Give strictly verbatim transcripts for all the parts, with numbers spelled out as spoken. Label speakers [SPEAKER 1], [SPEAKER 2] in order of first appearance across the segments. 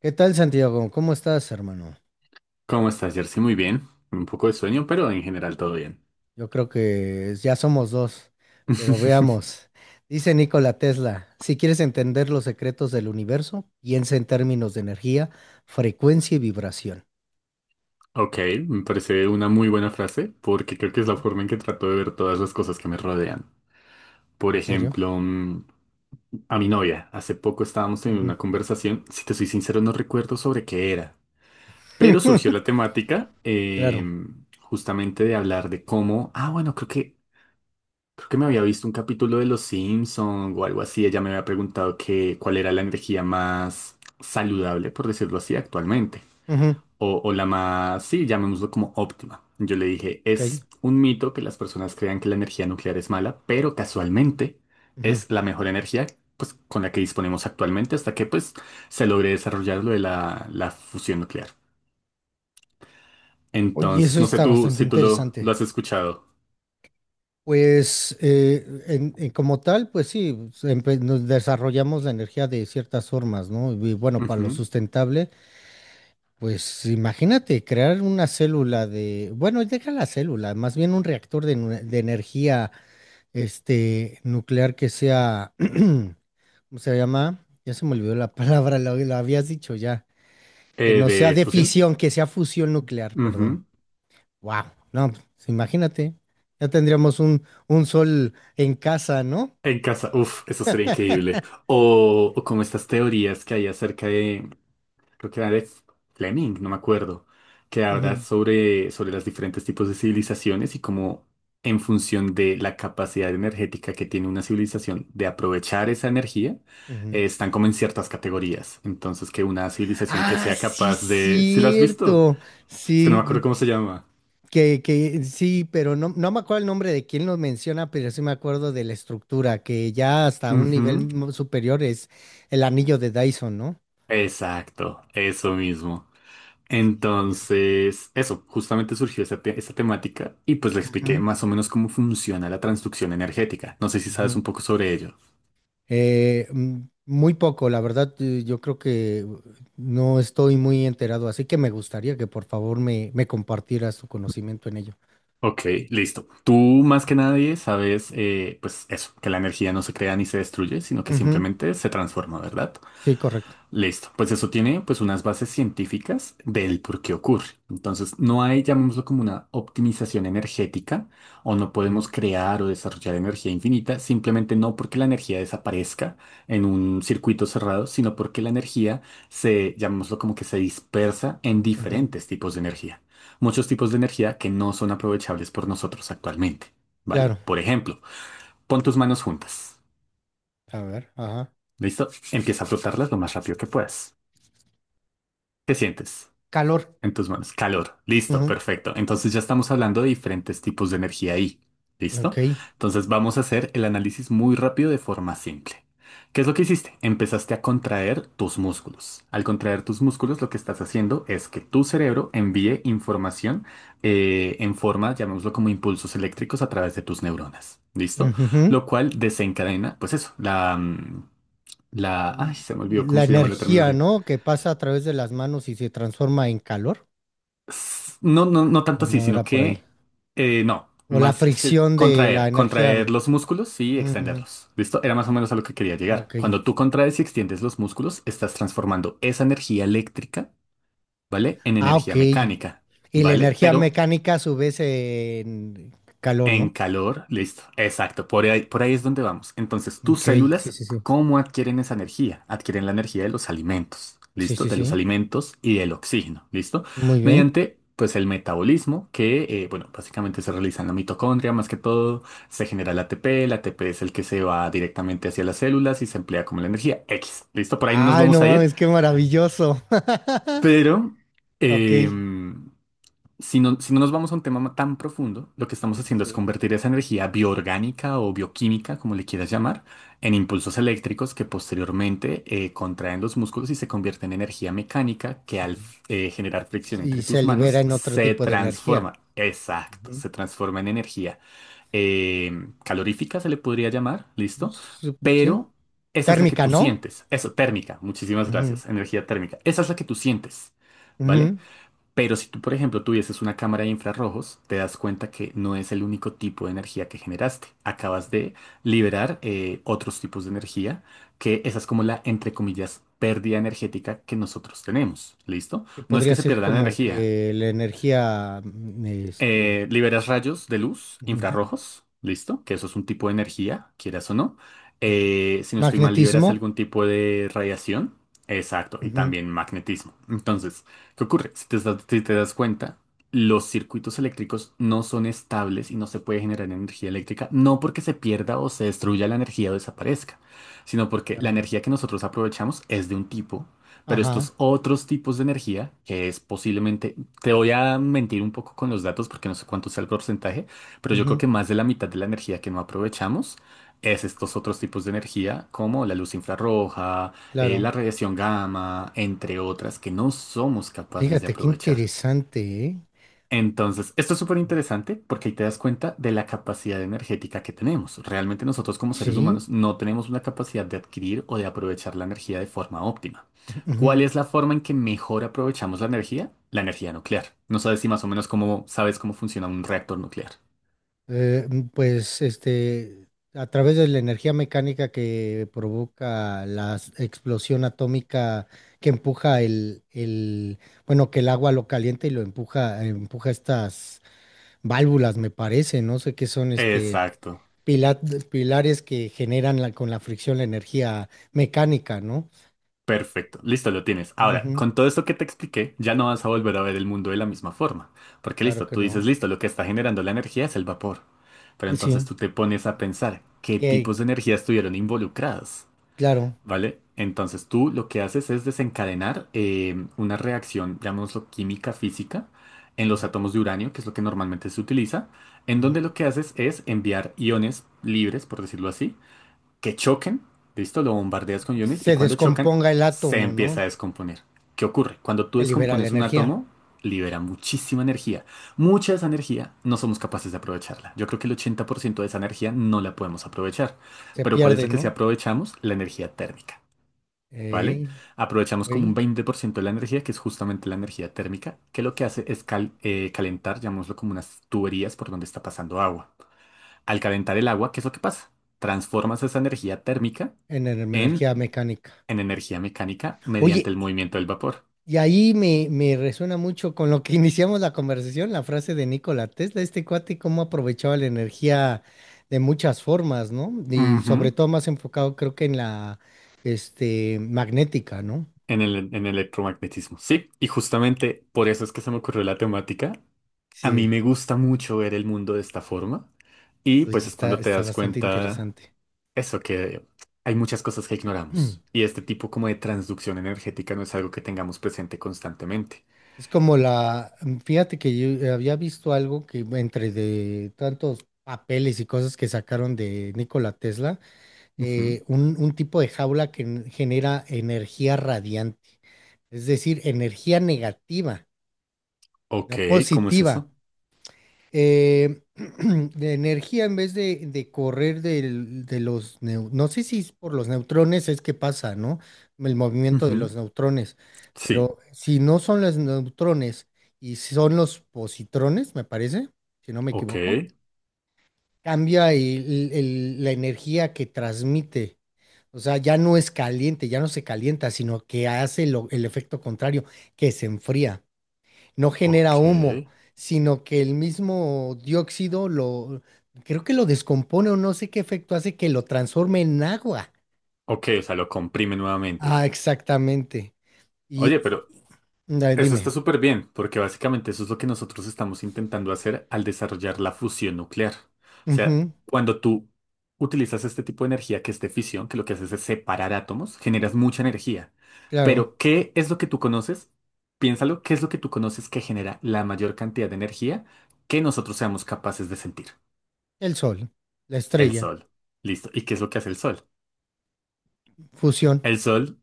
[SPEAKER 1] ¿Qué tal, Santiago? ¿Cómo estás, hermano?
[SPEAKER 2] ¿Cómo estás, Jersey? Muy bien. Un poco de sueño, pero en general todo bien.
[SPEAKER 1] Yo creo que ya somos dos, pero veamos. Dice Nikola Tesla: "Si quieres entender los secretos del universo, piensa en términos de energía, frecuencia y vibración."
[SPEAKER 2] Ok, me parece una muy buena frase porque creo que es la forma en que trato de ver todas las cosas que me rodean. Por
[SPEAKER 1] ¿En serio?
[SPEAKER 2] ejemplo, mm, a mi novia. Hace poco estábamos teniendo
[SPEAKER 1] Ujú.
[SPEAKER 2] una conversación. Si te soy sincero, no recuerdo sobre qué era. Pero surgió la temática eh,
[SPEAKER 1] Claro.
[SPEAKER 2] justamente de hablar de cómo... Ah, bueno, creo que Creo que me había visto un capítulo de Los Simpson o algo así. Ella me había preguntado que cuál era la energía más saludable, por decirlo así, actualmente.
[SPEAKER 1] Ujú.
[SPEAKER 2] O, o la más, sí, llamémoslo como óptima. Yo le dije,
[SPEAKER 1] Ok.
[SPEAKER 2] es un mito que las personas crean que la energía nuclear es mala, pero casualmente
[SPEAKER 1] Ujú.
[SPEAKER 2] es la mejor energía pues, con la que disponemos actualmente hasta que pues, se logre desarrollar lo de la, la fusión nuclear.
[SPEAKER 1] Oye,
[SPEAKER 2] Entonces,
[SPEAKER 1] eso
[SPEAKER 2] no sé
[SPEAKER 1] está
[SPEAKER 2] tú
[SPEAKER 1] bastante
[SPEAKER 2] si tú lo, lo
[SPEAKER 1] interesante.
[SPEAKER 2] has escuchado.
[SPEAKER 1] Pues eh, en- en como tal, pues sí, empe- nos desarrollamos la energía de ciertas formas, ¿no? Y bueno, para lo
[SPEAKER 2] Ujú.
[SPEAKER 1] sustentable. Pues imagínate crear una célula de, bueno, deja la célula, más bien un reactor de, nu- de energía este, nuclear que sea, ¿cómo se llama? Ya se me olvidó la palabra, la, la habías dicho ya, que
[SPEAKER 2] Eh,
[SPEAKER 1] no sea
[SPEAKER 2] de
[SPEAKER 1] de
[SPEAKER 2] fusión.
[SPEAKER 1] fisión, que sea fusión nuclear, perdón.
[SPEAKER 2] Ujú.
[SPEAKER 1] Wow, no, pues, imagínate, ya tendríamos un, un sol en casa, ¿no?
[SPEAKER 2] En casa, uff, eso sería increíble. O, o como estas teorías que hay acerca de, creo que era de Fleming, no me acuerdo, que habla
[SPEAKER 1] Ujú,
[SPEAKER 2] sobre, sobre los diferentes tipos de civilizaciones y cómo en función de la capacidad energética que tiene una civilización de aprovechar esa energía,
[SPEAKER 1] ujú.
[SPEAKER 2] eh, están como en ciertas categorías. Entonces, que una civilización que
[SPEAKER 1] Ah,
[SPEAKER 2] sea
[SPEAKER 1] sí,
[SPEAKER 2] capaz de... ¿Sí la has visto?
[SPEAKER 1] cierto.
[SPEAKER 2] Es que no
[SPEAKER 1] Sí,
[SPEAKER 2] me acuerdo cómo se llama.
[SPEAKER 1] Que, que sí, pero no, no me acuerdo el nombre de quién lo menciona, pero sí me acuerdo de la estructura, que ya hasta un nivel
[SPEAKER 2] Ujú.
[SPEAKER 1] mu- superior es el anillo de Dyson, ¿no?
[SPEAKER 2] Exacto, eso mismo.
[SPEAKER 1] Cierto.
[SPEAKER 2] Entonces, eso, justamente surgió esta, te- esta temática y pues le expliqué
[SPEAKER 1] Ujú,
[SPEAKER 2] más o menos cómo funciona la transducción energética. No sé si sabes
[SPEAKER 1] ujú.
[SPEAKER 2] un poco sobre ello.
[SPEAKER 1] Eh, mm, muy poco, la verdad, eh, yo creo que uh, no estoy muy enterado, así que me gustaría que por favor me, me compartieras tu conocimiento en ello.
[SPEAKER 2] Ok, listo. Tú más que nadie sabes, eh, pues eso, que la energía no se crea ni se destruye, sino que
[SPEAKER 1] Ujú.
[SPEAKER 2] simplemente se transforma, ¿verdad?
[SPEAKER 1] Sí, correcto.
[SPEAKER 2] Listo, pues eso tiene pues unas bases científicas del por qué ocurre. Entonces, no hay, llamémoslo como una optimización energética, o no
[SPEAKER 1] Ujú,
[SPEAKER 2] podemos crear o desarrollar energía infinita, simplemente no porque la energía desaparezca en un circuito cerrado, sino porque la energía se, llamémoslo como que se dispersa en
[SPEAKER 1] ujú.
[SPEAKER 2] diferentes tipos de energía. Muchos tipos de energía que no son aprovechables por nosotros actualmente, ¿vale?
[SPEAKER 1] Claro.
[SPEAKER 2] Por ejemplo, pon tus manos juntas.
[SPEAKER 1] A ver, ajá.
[SPEAKER 2] ¿Listo? Empieza a frotarlas lo más rápido que puedas. ¿Qué sientes?
[SPEAKER 1] Calor.
[SPEAKER 2] En tus manos. Calor. Listo,
[SPEAKER 1] Ujú.
[SPEAKER 2] perfecto. Entonces ya estamos hablando de diferentes tipos de energía ahí.
[SPEAKER 1] Ok.
[SPEAKER 2] ¿Listo? Entonces vamos a hacer el análisis muy rápido de forma simple. ¿Qué es lo que hiciste? Empezaste a contraer tus músculos. Al contraer tus músculos, lo que estás haciendo es que tu cerebro envíe información eh, en forma, llamémoslo como impulsos eléctricos a través de tus neuronas. ¿Listo?
[SPEAKER 1] Ujú.
[SPEAKER 2] Lo cual desencadena, pues eso, la, mm, la, ay, se me olvidó cómo
[SPEAKER 1] La
[SPEAKER 2] se llama la
[SPEAKER 1] energía,
[SPEAKER 2] terminología.
[SPEAKER 1] ¿no? Que pasa a través de las manos y se transforma en calor.
[SPEAKER 2] S- No, no, no
[SPEAKER 1] ¿O
[SPEAKER 2] tanto así,
[SPEAKER 1] no era
[SPEAKER 2] sino
[SPEAKER 1] por ahí?
[SPEAKER 2] que eh, no,
[SPEAKER 1] O la
[SPEAKER 2] más es que
[SPEAKER 1] fricción de la
[SPEAKER 2] contraer,
[SPEAKER 1] energía.
[SPEAKER 2] contraer los músculos y
[SPEAKER 1] Ujú.
[SPEAKER 2] extenderlos. ¿Listo? Era más o menos a lo que quería
[SPEAKER 1] Ah,
[SPEAKER 2] llegar.
[SPEAKER 1] ok.
[SPEAKER 2] Cuando tú contraes y extiendes los músculos, estás transformando esa energía eléctrica, ¿vale? En
[SPEAKER 1] Ah, ok.
[SPEAKER 2] energía
[SPEAKER 1] Y
[SPEAKER 2] mecánica,
[SPEAKER 1] la
[SPEAKER 2] ¿vale?
[SPEAKER 1] energía
[SPEAKER 2] Pero
[SPEAKER 1] mecánica a su vez en calor,
[SPEAKER 2] en
[SPEAKER 1] ¿no?
[SPEAKER 2] calor, listo. Exacto, por ahí, por ahí es donde vamos. Entonces, tus
[SPEAKER 1] Ok, sí,
[SPEAKER 2] células,
[SPEAKER 1] sí, sí.
[SPEAKER 2] ¿cómo adquieren esa energía? Adquieren la energía de los alimentos,
[SPEAKER 1] Sí,
[SPEAKER 2] ¿listo?
[SPEAKER 1] sí,
[SPEAKER 2] De los
[SPEAKER 1] sí.
[SPEAKER 2] alimentos y del oxígeno, ¿listo?
[SPEAKER 1] Muy bien.
[SPEAKER 2] Mediante, pues, el metabolismo que, eh, bueno, básicamente se realiza en la mitocondria, más que todo, se genera el A T P, el A T P es el que se va directamente hacia las células y se emplea como la energía X, ¿listo? Por ahí no nos
[SPEAKER 1] Ay,
[SPEAKER 2] vamos
[SPEAKER 1] no
[SPEAKER 2] a ir,
[SPEAKER 1] mames, qué maravilloso.
[SPEAKER 2] pero...
[SPEAKER 1] Ok. Sí,
[SPEAKER 2] em, si no, si no nos vamos a un tema tan profundo, lo que estamos
[SPEAKER 1] sí,
[SPEAKER 2] haciendo es
[SPEAKER 1] sí.
[SPEAKER 2] convertir esa energía bioorgánica o bioquímica, como le quieras llamar, en impulsos eléctricos que posteriormente eh, contraen los músculos y se convierte en energía mecánica que al
[SPEAKER 1] Ujú.
[SPEAKER 2] eh, generar fricción
[SPEAKER 1] Y
[SPEAKER 2] entre
[SPEAKER 1] se
[SPEAKER 2] tus
[SPEAKER 1] libera
[SPEAKER 2] manos
[SPEAKER 1] en otro
[SPEAKER 2] se
[SPEAKER 1] tipo de energía.
[SPEAKER 2] transforma. Exacto,
[SPEAKER 1] Ujú.
[SPEAKER 2] se transforma en energía eh, calorífica, se le podría llamar, ¿listo?
[SPEAKER 1] Sup- Sí.
[SPEAKER 2] Pero esa es la que
[SPEAKER 1] Térmica,
[SPEAKER 2] tú
[SPEAKER 1] ¿no?
[SPEAKER 2] sientes. Eso, térmica. Muchísimas
[SPEAKER 1] Ujú.
[SPEAKER 2] gracias. Energía térmica. Esa es la que tú sientes. ¿Vale?
[SPEAKER 1] Ujú.
[SPEAKER 2] Pero si tú, por ejemplo, tuvieses una cámara de infrarrojos, te das cuenta que no es el único tipo de energía que generaste. Acabas de liberar eh, otros tipos de energía, que esa es como la, entre comillas, pérdida energética que nosotros tenemos. ¿Listo?
[SPEAKER 1] Que
[SPEAKER 2] No es que
[SPEAKER 1] podría
[SPEAKER 2] se
[SPEAKER 1] ser
[SPEAKER 2] pierda la
[SPEAKER 1] como
[SPEAKER 2] energía.
[SPEAKER 1] que la energía, mm, este,
[SPEAKER 2] Eh, liberas rayos de luz
[SPEAKER 1] ujú,
[SPEAKER 2] infrarrojos, listo, que eso es un tipo de energía, quieras o no.
[SPEAKER 1] ujú.
[SPEAKER 2] Eh, si no estoy mal, liberas
[SPEAKER 1] Magnetismo.
[SPEAKER 2] algún tipo de radiación, exacto, y
[SPEAKER 1] Ujú,
[SPEAKER 2] también magnetismo. Entonces, ¿qué ocurre? Si te, das- si te das cuenta, los circuitos eléctricos no son estables y no se puede generar energía eléctrica, no porque se pierda o se destruya la energía o desaparezca, sino porque la
[SPEAKER 1] claro.
[SPEAKER 2] energía que nosotros aprovechamos es de un tipo. Pero
[SPEAKER 1] Ajá,
[SPEAKER 2] estos otros tipos de energía, que es posiblemente te voy a mentir un poco con los datos porque no sé cuánto sea el porcentaje, pero yo creo
[SPEAKER 1] ujú,
[SPEAKER 2] que más de la mitad de la energía que no aprovechamos es estos otros tipos de energía como la luz infrarroja, eh,
[SPEAKER 1] claro.
[SPEAKER 2] la radiación gamma, entre otras que no somos capaces de
[SPEAKER 1] Fíjate, qué
[SPEAKER 2] aprovechar.
[SPEAKER 1] interesante, ¿eh?
[SPEAKER 2] Entonces, esto es súper interesante porque ahí te das cuenta de la capacidad energética que tenemos. Realmente nosotros como seres
[SPEAKER 1] Sí.
[SPEAKER 2] humanos no tenemos una capacidad de adquirir o de aprovechar la energía de forma óptima.
[SPEAKER 1] Ujú.
[SPEAKER 2] ¿Cuál es la forma en que mejor aprovechamos la energía? La energía nuclear. No sabes si más o menos cómo sabes cómo funciona un reactor nuclear.
[SPEAKER 1] Eh, mm, pues, este, a través de la energía mecánica que provoca la s- explosión atómica que empuja el, el, bueno, que el agua lo calienta y lo empuja, empuja estas válvulas, me parece, no sé qué son, este
[SPEAKER 2] Exacto.
[SPEAKER 1] pila- pilares que generan la- con la fricción la energía mecánica, ¿no?
[SPEAKER 2] Perfecto, listo, lo tienes. Ahora,
[SPEAKER 1] Ujú.
[SPEAKER 2] con todo esto que te expliqué, ya no vas a volver a ver el mundo de la misma forma. Porque
[SPEAKER 1] Claro
[SPEAKER 2] listo,
[SPEAKER 1] que
[SPEAKER 2] tú dices,
[SPEAKER 1] no.
[SPEAKER 2] listo, lo que está generando la energía es el vapor. Pero entonces
[SPEAKER 1] Sí,
[SPEAKER 2] tú te pones a pensar qué
[SPEAKER 1] que,
[SPEAKER 2] tipos de energía estuvieron involucradas,
[SPEAKER 1] claro.
[SPEAKER 2] ¿vale? Entonces tú lo que haces es desencadenar eh, una reacción, llamémoslo química física, en los
[SPEAKER 1] Ujú,
[SPEAKER 2] átomos de uranio, que es lo que normalmente se utiliza, en
[SPEAKER 1] ujú.
[SPEAKER 2] donde lo que haces es enviar iones libres, por decirlo así, que choquen, listo, lo bombardeas con iones y
[SPEAKER 1] Se
[SPEAKER 2] cuando chocan
[SPEAKER 1] descomponga el
[SPEAKER 2] se
[SPEAKER 1] átomo,
[SPEAKER 2] empieza a
[SPEAKER 1] ¿no?
[SPEAKER 2] descomponer. ¿Qué ocurre? Cuando tú
[SPEAKER 1] Se libera la
[SPEAKER 2] descompones un
[SPEAKER 1] energía.
[SPEAKER 2] átomo, libera muchísima energía. Mucha de esa energía no somos capaces de aprovecharla. Yo creo que el ochenta por ciento de esa energía no la podemos aprovechar.
[SPEAKER 1] Se
[SPEAKER 2] Pero ¿cuál es
[SPEAKER 1] pierde,
[SPEAKER 2] la que sí
[SPEAKER 1] ¿no?
[SPEAKER 2] aprovechamos? La energía térmica. ¿Vale?
[SPEAKER 1] Ey,
[SPEAKER 2] Aprovechamos como
[SPEAKER 1] ey,
[SPEAKER 2] un veinte por ciento de la energía, que es justamente la energía térmica, que lo que hace es cal- eh, calentar, llamémoslo como unas tuberías por donde está pasando agua. Al calentar el agua, ¿qué es lo que pasa? Transformas esa energía térmica
[SPEAKER 1] en en
[SPEAKER 2] en,
[SPEAKER 1] energía mecánica.
[SPEAKER 2] en energía mecánica mediante
[SPEAKER 1] Oye,
[SPEAKER 2] el movimiento del vapor.
[SPEAKER 1] y ahí me, me resuena mucho con lo que iniciamos la conversación, la frase de Nikola Tesla, este cuate, cómo aprovechaba la energía de muchas formas, ¿no? Y sobre
[SPEAKER 2] Ujú.
[SPEAKER 1] todo más enfocado, creo que en la, este, magnética, ¿no?
[SPEAKER 2] En el, en el electromagnetismo. Sí, y justamente por eso es que se me ocurrió la temática. A mí
[SPEAKER 1] Sí,
[SPEAKER 2] me gusta mucho ver el mundo de esta forma y
[SPEAKER 1] oye,
[SPEAKER 2] pues es
[SPEAKER 1] está,
[SPEAKER 2] cuando te
[SPEAKER 1] está
[SPEAKER 2] das
[SPEAKER 1] bastante
[SPEAKER 2] cuenta
[SPEAKER 1] interesante.
[SPEAKER 2] eso, que hay muchas cosas que
[SPEAKER 1] Mm.
[SPEAKER 2] ignoramos y este tipo como de transducción energética no es algo que tengamos presente constantemente.
[SPEAKER 1] Es como la, fíjate que yo había visto algo que entre de tantos papeles y cosas que sacaron de Nikola Tesla,
[SPEAKER 2] Ujú.
[SPEAKER 1] eh, un, un tipo de jaula que n- genera energía radiante. Es decir, energía negativa,
[SPEAKER 2] Ok,
[SPEAKER 1] no
[SPEAKER 2] ¿cómo es
[SPEAKER 1] positiva.
[SPEAKER 2] eso?
[SPEAKER 1] Eh, de energía en vez de, de correr del- de los, neu- no sé si es por los neutrones es que pasa, ¿no? El movimiento de los
[SPEAKER 2] Ujú.
[SPEAKER 1] neutrones,
[SPEAKER 2] Sí,
[SPEAKER 1] pero si no son los neutrones y son los positrones, me parece, si no me
[SPEAKER 2] ok.
[SPEAKER 1] equivoco, cambia el- el- la energía que transmite. O sea, ya no es caliente, ya no se calienta, sino que hace lo- el efecto contrario, que se enfría. No genera
[SPEAKER 2] Ok.
[SPEAKER 1] humo, sino que el mismo dióxido lo, creo que lo descompone o no sé qué efecto hace que lo transforme en agua.
[SPEAKER 2] Ok, o sea, lo comprime nuevamente.
[SPEAKER 1] Ah, exactamente.
[SPEAKER 2] Oye,
[SPEAKER 1] Y,
[SPEAKER 2] pero
[SPEAKER 1] y- ah,
[SPEAKER 2] eso
[SPEAKER 1] dime.
[SPEAKER 2] está súper bien, porque básicamente eso es lo que nosotros estamos intentando hacer al desarrollar la fusión nuclear. O sea,
[SPEAKER 1] Ujú,
[SPEAKER 2] cuando tú utilizas este tipo de energía que es de fisión, que lo que haces es separar átomos, generas mucha energía.
[SPEAKER 1] claro,
[SPEAKER 2] Pero, ¿qué es lo que tú conoces? Piénsalo, ¿qué es lo que tú conoces que genera la mayor cantidad de energía que nosotros seamos capaces de sentir?
[SPEAKER 1] el sol, la
[SPEAKER 2] El
[SPEAKER 1] estrella,
[SPEAKER 2] sol. Listo. ¿Y qué es lo que hace el sol?
[SPEAKER 1] fusión,
[SPEAKER 2] El Sol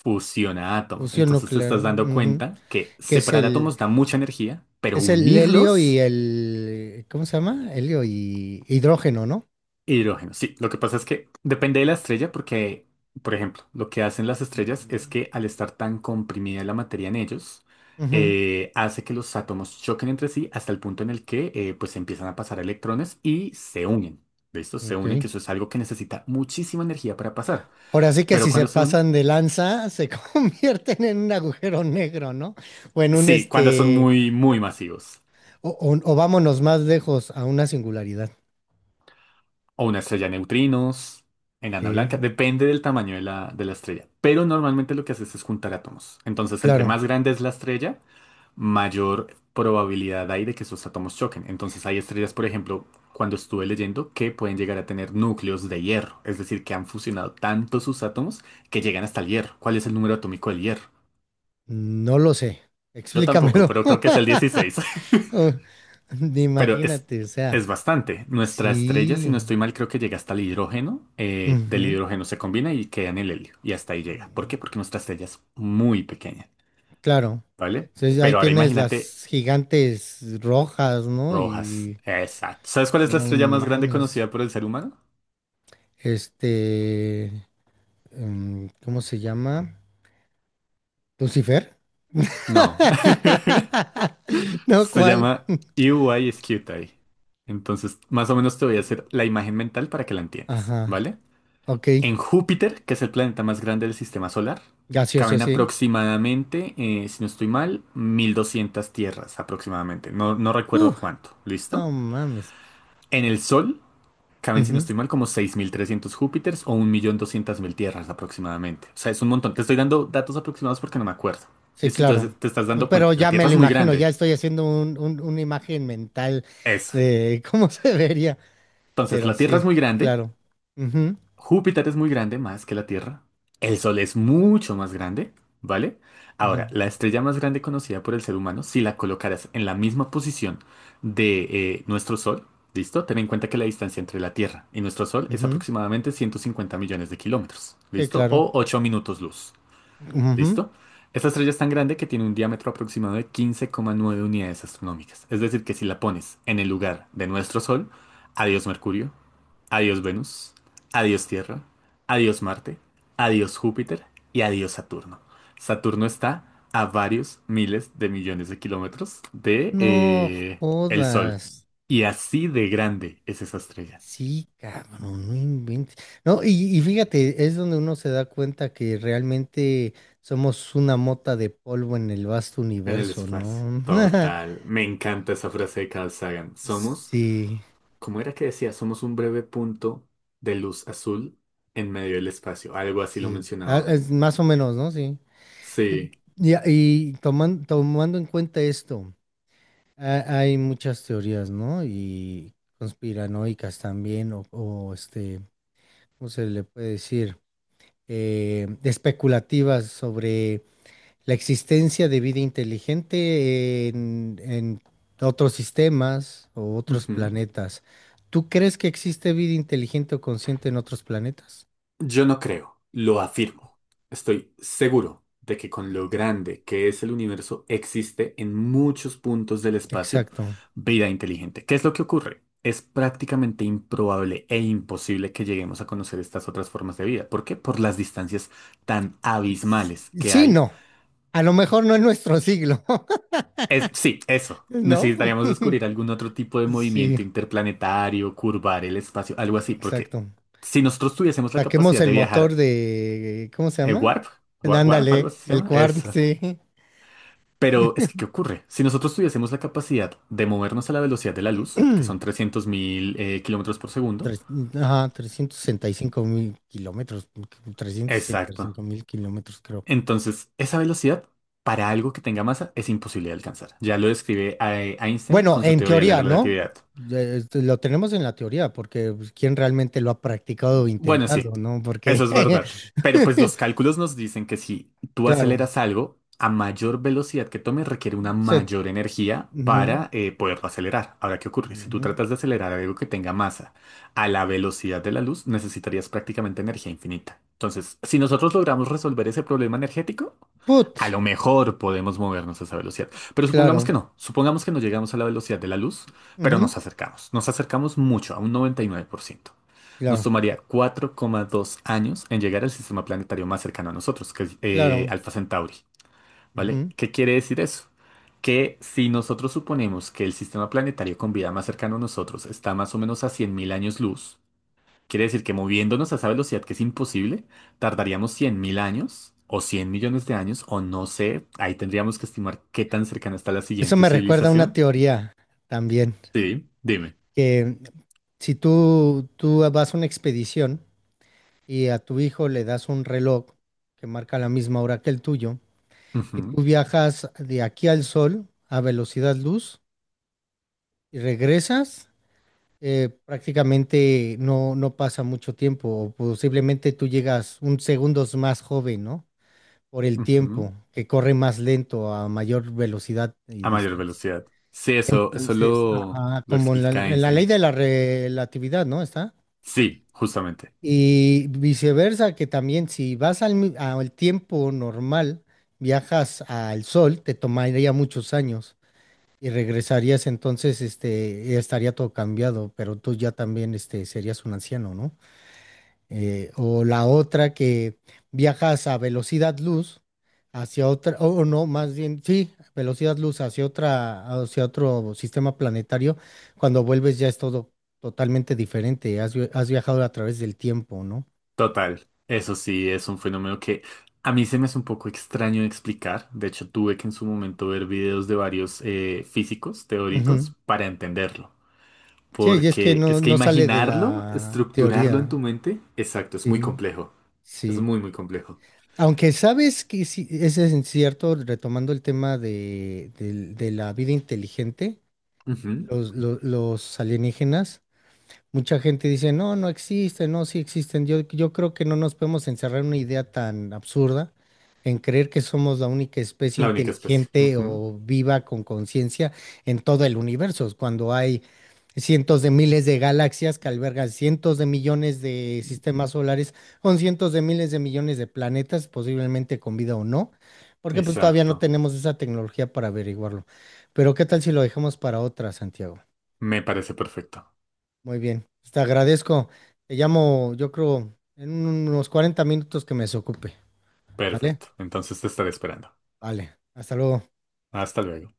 [SPEAKER 2] fusiona átomos,
[SPEAKER 1] fusión
[SPEAKER 2] entonces te
[SPEAKER 1] nuclear,
[SPEAKER 2] estás dando
[SPEAKER 1] ujú,
[SPEAKER 2] cuenta que
[SPEAKER 1] que es
[SPEAKER 2] separar
[SPEAKER 1] el,
[SPEAKER 2] átomos da mucha energía, pero
[SPEAKER 1] es el helio y
[SPEAKER 2] unirlos,
[SPEAKER 1] el, ¿cómo se llama? Helio y hidrógeno, ¿no?
[SPEAKER 2] hidrógeno. Sí, lo que pasa es que depende de la estrella porque, por ejemplo, lo que hacen las estrellas es que al estar tan comprimida la materia en ellos,
[SPEAKER 1] Ujú,
[SPEAKER 2] eh, hace que los átomos choquen entre sí hasta el punto en el que eh, pues empiezan a pasar electrones y se unen. ¿Listo? Se unen,
[SPEAKER 1] ok.
[SPEAKER 2] que eso es algo que necesita muchísima energía para pasar.
[SPEAKER 1] Ahora sí que,
[SPEAKER 2] Pero
[SPEAKER 1] si se
[SPEAKER 2] cuando se unen,
[SPEAKER 1] pasan de lanza, se convierten en un agujero negro, ¿no? O en un
[SPEAKER 2] sí, cuando son
[SPEAKER 1] este,
[SPEAKER 2] muy, muy masivos.
[SPEAKER 1] o, o- o vámonos más lejos a una singularidad.
[SPEAKER 2] O una estrella de neutrinos, enana
[SPEAKER 1] Sí.
[SPEAKER 2] blanca, depende del tamaño de la, de la estrella. Pero normalmente lo que haces es juntar átomos. Entonces, entre
[SPEAKER 1] Claro,
[SPEAKER 2] más grande es la estrella, mayor probabilidad hay de que esos átomos choquen. Entonces, hay estrellas, por ejemplo, cuando estuve leyendo, que pueden llegar a tener núcleos de hierro. Es decir, que han fusionado tanto sus átomos que llegan hasta el hierro. ¿Cuál es el número atómico del hierro?
[SPEAKER 1] no lo sé.
[SPEAKER 2] Yo tampoco,
[SPEAKER 1] Explícamelo.
[SPEAKER 2] pero creo que es el dieciséis.
[SPEAKER 1] Oh,
[SPEAKER 2] Pero es,
[SPEAKER 1] imagínate, o sea,
[SPEAKER 2] es bastante. Nuestra estrella, si no
[SPEAKER 1] sí.
[SPEAKER 2] estoy mal, creo que llega hasta el hidrógeno. Eh, del
[SPEAKER 1] Ujú,
[SPEAKER 2] hidrógeno se combina y queda en el helio. Y hasta ahí llega. ¿Por qué?
[SPEAKER 1] mm,
[SPEAKER 2] Porque nuestra estrella es muy pequeña,
[SPEAKER 1] claro.
[SPEAKER 2] ¿vale?
[SPEAKER 1] Entonces, ahí
[SPEAKER 2] Pero ahora
[SPEAKER 1] tienes
[SPEAKER 2] imagínate
[SPEAKER 1] las gigantes rojas, ¿no?
[SPEAKER 2] rojas.
[SPEAKER 1] Y
[SPEAKER 2] Exacto. ¿Sabes cuál es la
[SPEAKER 1] no
[SPEAKER 2] estrella más grande
[SPEAKER 1] mames.
[SPEAKER 2] conocida por el ser humano?
[SPEAKER 1] Este. Em, ¿cómo se llama? ¿Lucifer?
[SPEAKER 2] No.
[SPEAKER 1] No,
[SPEAKER 2] Se
[SPEAKER 1] ¿cuál?
[SPEAKER 2] llama Scuti. Entonces, más o menos te voy a hacer la imagen mental para que la entiendas,
[SPEAKER 1] Ajá,
[SPEAKER 2] ¿vale?
[SPEAKER 1] ok.
[SPEAKER 2] En Júpiter, que es el planeta más grande del sistema solar,
[SPEAKER 1] Gaseoso,
[SPEAKER 2] caben
[SPEAKER 1] sí.
[SPEAKER 2] aproximadamente, eh, si no estoy mal, mil doscientas tierras aproximadamente. No, no recuerdo
[SPEAKER 1] Uh,
[SPEAKER 2] cuánto. ¿Listo?
[SPEAKER 1] no mames.
[SPEAKER 2] En el Sol caben, si no
[SPEAKER 1] Ujú,
[SPEAKER 2] estoy mal, como seis mil trescientos Júpiters o un millón doscientas mil tierras aproximadamente. O sea, es un montón. Te estoy dando datos aproximados porque no me acuerdo.
[SPEAKER 1] sí,
[SPEAKER 2] ¿Listo? Entonces
[SPEAKER 1] claro.
[SPEAKER 2] te estás dando
[SPEAKER 1] Pero
[SPEAKER 2] cuenta. La
[SPEAKER 1] ya me
[SPEAKER 2] Tierra
[SPEAKER 1] lo
[SPEAKER 2] es muy
[SPEAKER 1] imagino,
[SPEAKER 2] grande.
[SPEAKER 1] ya estoy haciendo un, un- una imagen mental
[SPEAKER 2] Eso.
[SPEAKER 1] de cómo se vería.
[SPEAKER 2] Entonces,
[SPEAKER 1] Pero
[SPEAKER 2] la Tierra
[SPEAKER 1] sí,
[SPEAKER 2] es muy grande.
[SPEAKER 1] claro. Ujú,
[SPEAKER 2] Júpiter es muy grande, más que la Tierra. El Sol es mucho más grande, ¿vale?
[SPEAKER 1] ujú,
[SPEAKER 2] Ahora, la estrella más grande conocida por el ser humano, si la colocaras en la misma posición de eh, nuestro Sol, ¿listo? Ten en cuenta que la distancia entre la Tierra y nuestro Sol es
[SPEAKER 1] ujú,
[SPEAKER 2] aproximadamente ciento cincuenta millones de kilómetros,
[SPEAKER 1] sí,
[SPEAKER 2] ¿listo?
[SPEAKER 1] claro.
[SPEAKER 2] O ocho minutos luz,
[SPEAKER 1] Ujú.
[SPEAKER 2] ¿listo? Esta estrella es tan grande que tiene un diámetro aproximado de quince coma nueve unidades astronómicas. Es decir, que si la pones en el lugar de nuestro Sol, adiós Mercurio, adiós Venus, adiós Tierra, adiós Marte, adiós Júpiter y adiós Saturno. Saturno está a varios miles de millones de kilómetros de
[SPEAKER 1] No
[SPEAKER 2] eh, el Sol.
[SPEAKER 1] jodas.
[SPEAKER 2] Y así de grande es esa estrella
[SPEAKER 1] Sí, cabrón, no no inventes. No, y, y fíjate, es donde uno se da cuenta que realmente somos una mota de polvo en el vasto
[SPEAKER 2] en el
[SPEAKER 1] universo,
[SPEAKER 2] espacio.
[SPEAKER 1] ¿no?
[SPEAKER 2] Total. Me encanta esa frase de Carl Sagan. Somos,
[SPEAKER 1] Sí,
[SPEAKER 2] ¿cómo era que decía? Somos un breve punto de luz azul en medio del espacio. Algo así lo
[SPEAKER 1] sí. Ah,
[SPEAKER 2] mencionaba.
[SPEAKER 1] es más o menos, ¿no? Sí. Pe-
[SPEAKER 2] Sí.
[SPEAKER 1] Y, y toman- tomando en cuenta esto, ha- hay muchas teorías, ¿no? Y conspiranoicas también, o, o este, ¿cómo se le puede decir? Eh, especulativas sobre la existencia de vida inteligente en, en otros sistemas o otros
[SPEAKER 2] Ujú.
[SPEAKER 1] planetas. ¿Tú crees que existe vida inteligente o consciente en otros planetas?
[SPEAKER 2] Yo no creo, lo afirmo. Estoy seguro de que con lo grande que es el universo existe en muchos puntos del espacio
[SPEAKER 1] Exacto.
[SPEAKER 2] vida inteligente. ¿Qué es lo que ocurre? Es prácticamente improbable e imposible que lleguemos a conocer estas otras formas de vida. ¿Por qué? Por las distancias tan abismales que
[SPEAKER 1] Sí,
[SPEAKER 2] hay.
[SPEAKER 1] no. A lo mejor no en nuestro siglo,
[SPEAKER 2] Es, sí, eso.
[SPEAKER 1] ¿no?
[SPEAKER 2] Necesitaríamos descubrir algún otro tipo de movimiento
[SPEAKER 1] Sí,
[SPEAKER 2] interplanetario, curvar el espacio, algo así, porque
[SPEAKER 1] exacto.
[SPEAKER 2] si nosotros tuviésemos la
[SPEAKER 1] Saquemos
[SPEAKER 2] capacidad
[SPEAKER 1] el
[SPEAKER 2] de
[SPEAKER 1] motor
[SPEAKER 2] viajar.
[SPEAKER 1] de, ¿cómo se
[SPEAKER 2] Eh,
[SPEAKER 1] llama?
[SPEAKER 2] Warp, Wa- Warp, algo
[SPEAKER 1] Ándale,
[SPEAKER 2] así se
[SPEAKER 1] el
[SPEAKER 2] llama.
[SPEAKER 1] cuarto,
[SPEAKER 2] Esa.
[SPEAKER 1] sí.
[SPEAKER 2] Pero es que, ¿qué ocurre? Si nosotros tuviésemos la capacidad de movernos a la velocidad de la luz, que son trescientos mil eh, kilómetros por segundo.
[SPEAKER 1] Tres- ajá, trescientos sesenta y cinco mil kilómetros, trescientos sesenta y
[SPEAKER 2] Exacto.
[SPEAKER 1] cinco mil kilómetros creo.
[SPEAKER 2] Entonces, esa velocidad para algo que tenga masa es imposible de alcanzar. Ya lo describe eh, Einstein
[SPEAKER 1] Bueno,
[SPEAKER 2] con su
[SPEAKER 1] en
[SPEAKER 2] teoría de
[SPEAKER 1] teoría,
[SPEAKER 2] la
[SPEAKER 1] ¿no?
[SPEAKER 2] relatividad.
[SPEAKER 1] Eh, este, lo tenemos en la teoría, porque pues, ¿quién realmente lo ha practicado o
[SPEAKER 2] Bueno, sí,
[SPEAKER 1] intentado?, ¿no?
[SPEAKER 2] eso
[SPEAKER 1] Porque,
[SPEAKER 2] es verdad. Pero pues los cálculos nos dicen que si tú
[SPEAKER 1] claro,
[SPEAKER 2] aceleras algo, a mayor velocidad que tome requiere una
[SPEAKER 1] se-
[SPEAKER 2] mayor energía
[SPEAKER 1] ujú,
[SPEAKER 2] para eh, poderlo acelerar. Ahora, ¿qué ocurre? Si tú
[SPEAKER 1] ujú.
[SPEAKER 2] tratas de acelerar algo que tenga masa a la velocidad de la luz, necesitarías prácticamente energía infinita. Entonces, si nosotros logramos resolver ese problema energético, a
[SPEAKER 1] Put,
[SPEAKER 2] lo mejor podemos movernos a esa velocidad. Pero supongamos que
[SPEAKER 1] claro,
[SPEAKER 2] no. Supongamos que no llegamos a la velocidad de la luz, pero
[SPEAKER 1] ujú,
[SPEAKER 2] nos acercamos. Nos acercamos mucho, a un noventa y nueve por ciento. Nos
[SPEAKER 1] claro,
[SPEAKER 2] tomaría cuatro coma dos años en llegar al sistema planetario más cercano a nosotros, que es eh,
[SPEAKER 1] claro.
[SPEAKER 2] Alpha Centauri, ¿vale?
[SPEAKER 1] Ujú.
[SPEAKER 2] ¿Qué quiere decir eso? Que si nosotros suponemos que el sistema planetario con vida más cercano a nosotros está más o menos a cien mil años luz, quiere decir que moviéndonos a esa velocidad que es imposible, tardaríamos cien mil años o cien millones de años, o no sé, ahí tendríamos que estimar qué tan cercana está la
[SPEAKER 1] Eso
[SPEAKER 2] siguiente
[SPEAKER 1] me recuerda a una
[SPEAKER 2] civilización.
[SPEAKER 1] teoría también,
[SPEAKER 2] Sí, dime.
[SPEAKER 1] que si tú, tú vas a una expedición, y a tu hijo le das un reloj que marca la misma hora que el tuyo, y
[SPEAKER 2] Ujú,
[SPEAKER 1] tú viajas de aquí al sol a velocidad luz y regresas, eh, prácticamente no, no pasa mucho tiempo, o posiblemente tú llegas un segundos más joven, ¿no? Por el
[SPEAKER 2] ujú.
[SPEAKER 1] tiempo, que corre más lento a mayor velocidad y
[SPEAKER 2] A mayor
[SPEAKER 1] distancia.
[SPEAKER 2] velocidad. Sí, eso, eso
[SPEAKER 1] Entonces,
[SPEAKER 2] lo,
[SPEAKER 1] ajá,
[SPEAKER 2] lo
[SPEAKER 1] como en la,
[SPEAKER 2] explica
[SPEAKER 1] en la ley
[SPEAKER 2] Einstein.
[SPEAKER 1] de la relatividad, ¿no? Está.
[SPEAKER 2] Sí, justamente.
[SPEAKER 1] Y viceversa, que también si vas al, mi- al tiempo normal, viajas al sol, te tomaría muchos años y regresarías entonces, este, ya estaría todo cambiado, pero tú ya también, este, serías un anciano, ¿no? Eh, o la otra que viajas a velocidad luz hacia otra, o o no, más bien, sí, velocidad luz hacia otra, hacia otro sistema planetario, cuando vuelves ya es todo totalmente diferente, has vi- has viajado a través del tiempo, ¿no?
[SPEAKER 2] Total. Eso sí, es un fenómeno que a mí se me hace un poco extraño de explicar. De hecho, tuve que en su momento ver videos de varios eh, físicos
[SPEAKER 1] Ujú.
[SPEAKER 2] teóricos para entenderlo.
[SPEAKER 1] Sí, y es que
[SPEAKER 2] Porque
[SPEAKER 1] no,
[SPEAKER 2] es que
[SPEAKER 1] no sale de
[SPEAKER 2] imaginarlo,
[SPEAKER 1] la
[SPEAKER 2] estructurarlo en
[SPEAKER 1] teoría.
[SPEAKER 2] tu mente, exacto, es muy
[SPEAKER 1] Sí,
[SPEAKER 2] complejo. Es
[SPEAKER 1] sí.
[SPEAKER 2] muy, muy complejo.
[SPEAKER 1] Aunque sabes que sí, ese es cierto, retomando el tema de, del- de la vida inteligente,
[SPEAKER 2] Ujú.
[SPEAKER 1] los, lo- los alienígenas, mucha gente dice, no, no existen, no, sí existen. Yo, yo creo que no nos podemos encerrar en una idea tan absurda, en creer que somos la única especie
[SPEAKER 2] La única especie.
[SPEAKER 1] inteligente
[SPEAKER 2] Ujú.
[SPEAKER 1] o viva con conciencia en todo el universo, cuando hay cientos de miles de galaxias que albergan cientos de millones de sistemas solares, con cientos de miles de millones de planetas, posiblemente con vida o no, porque pues todavía no
[SPEAKER 2] Exacto.
[SPEAKER 1] tenemos esa tecnología para averiguarlo. Pero, ¿qué tal si lo dejamos para otra, Santiago?
[SPEAKER 2] Me parece perfecto.
[SPEAKER 1] Muy bien, pues te agradezco. Te llamo, yo creo, en unos cuarenta minutos que me desocupe. ¿Vale?
[SPEAKER 2] Perfecto. Entonces te estaré esperando.
[SPEAKER 1] Vale. Hasta luego.
[SPEAKER 2] Hasta luego.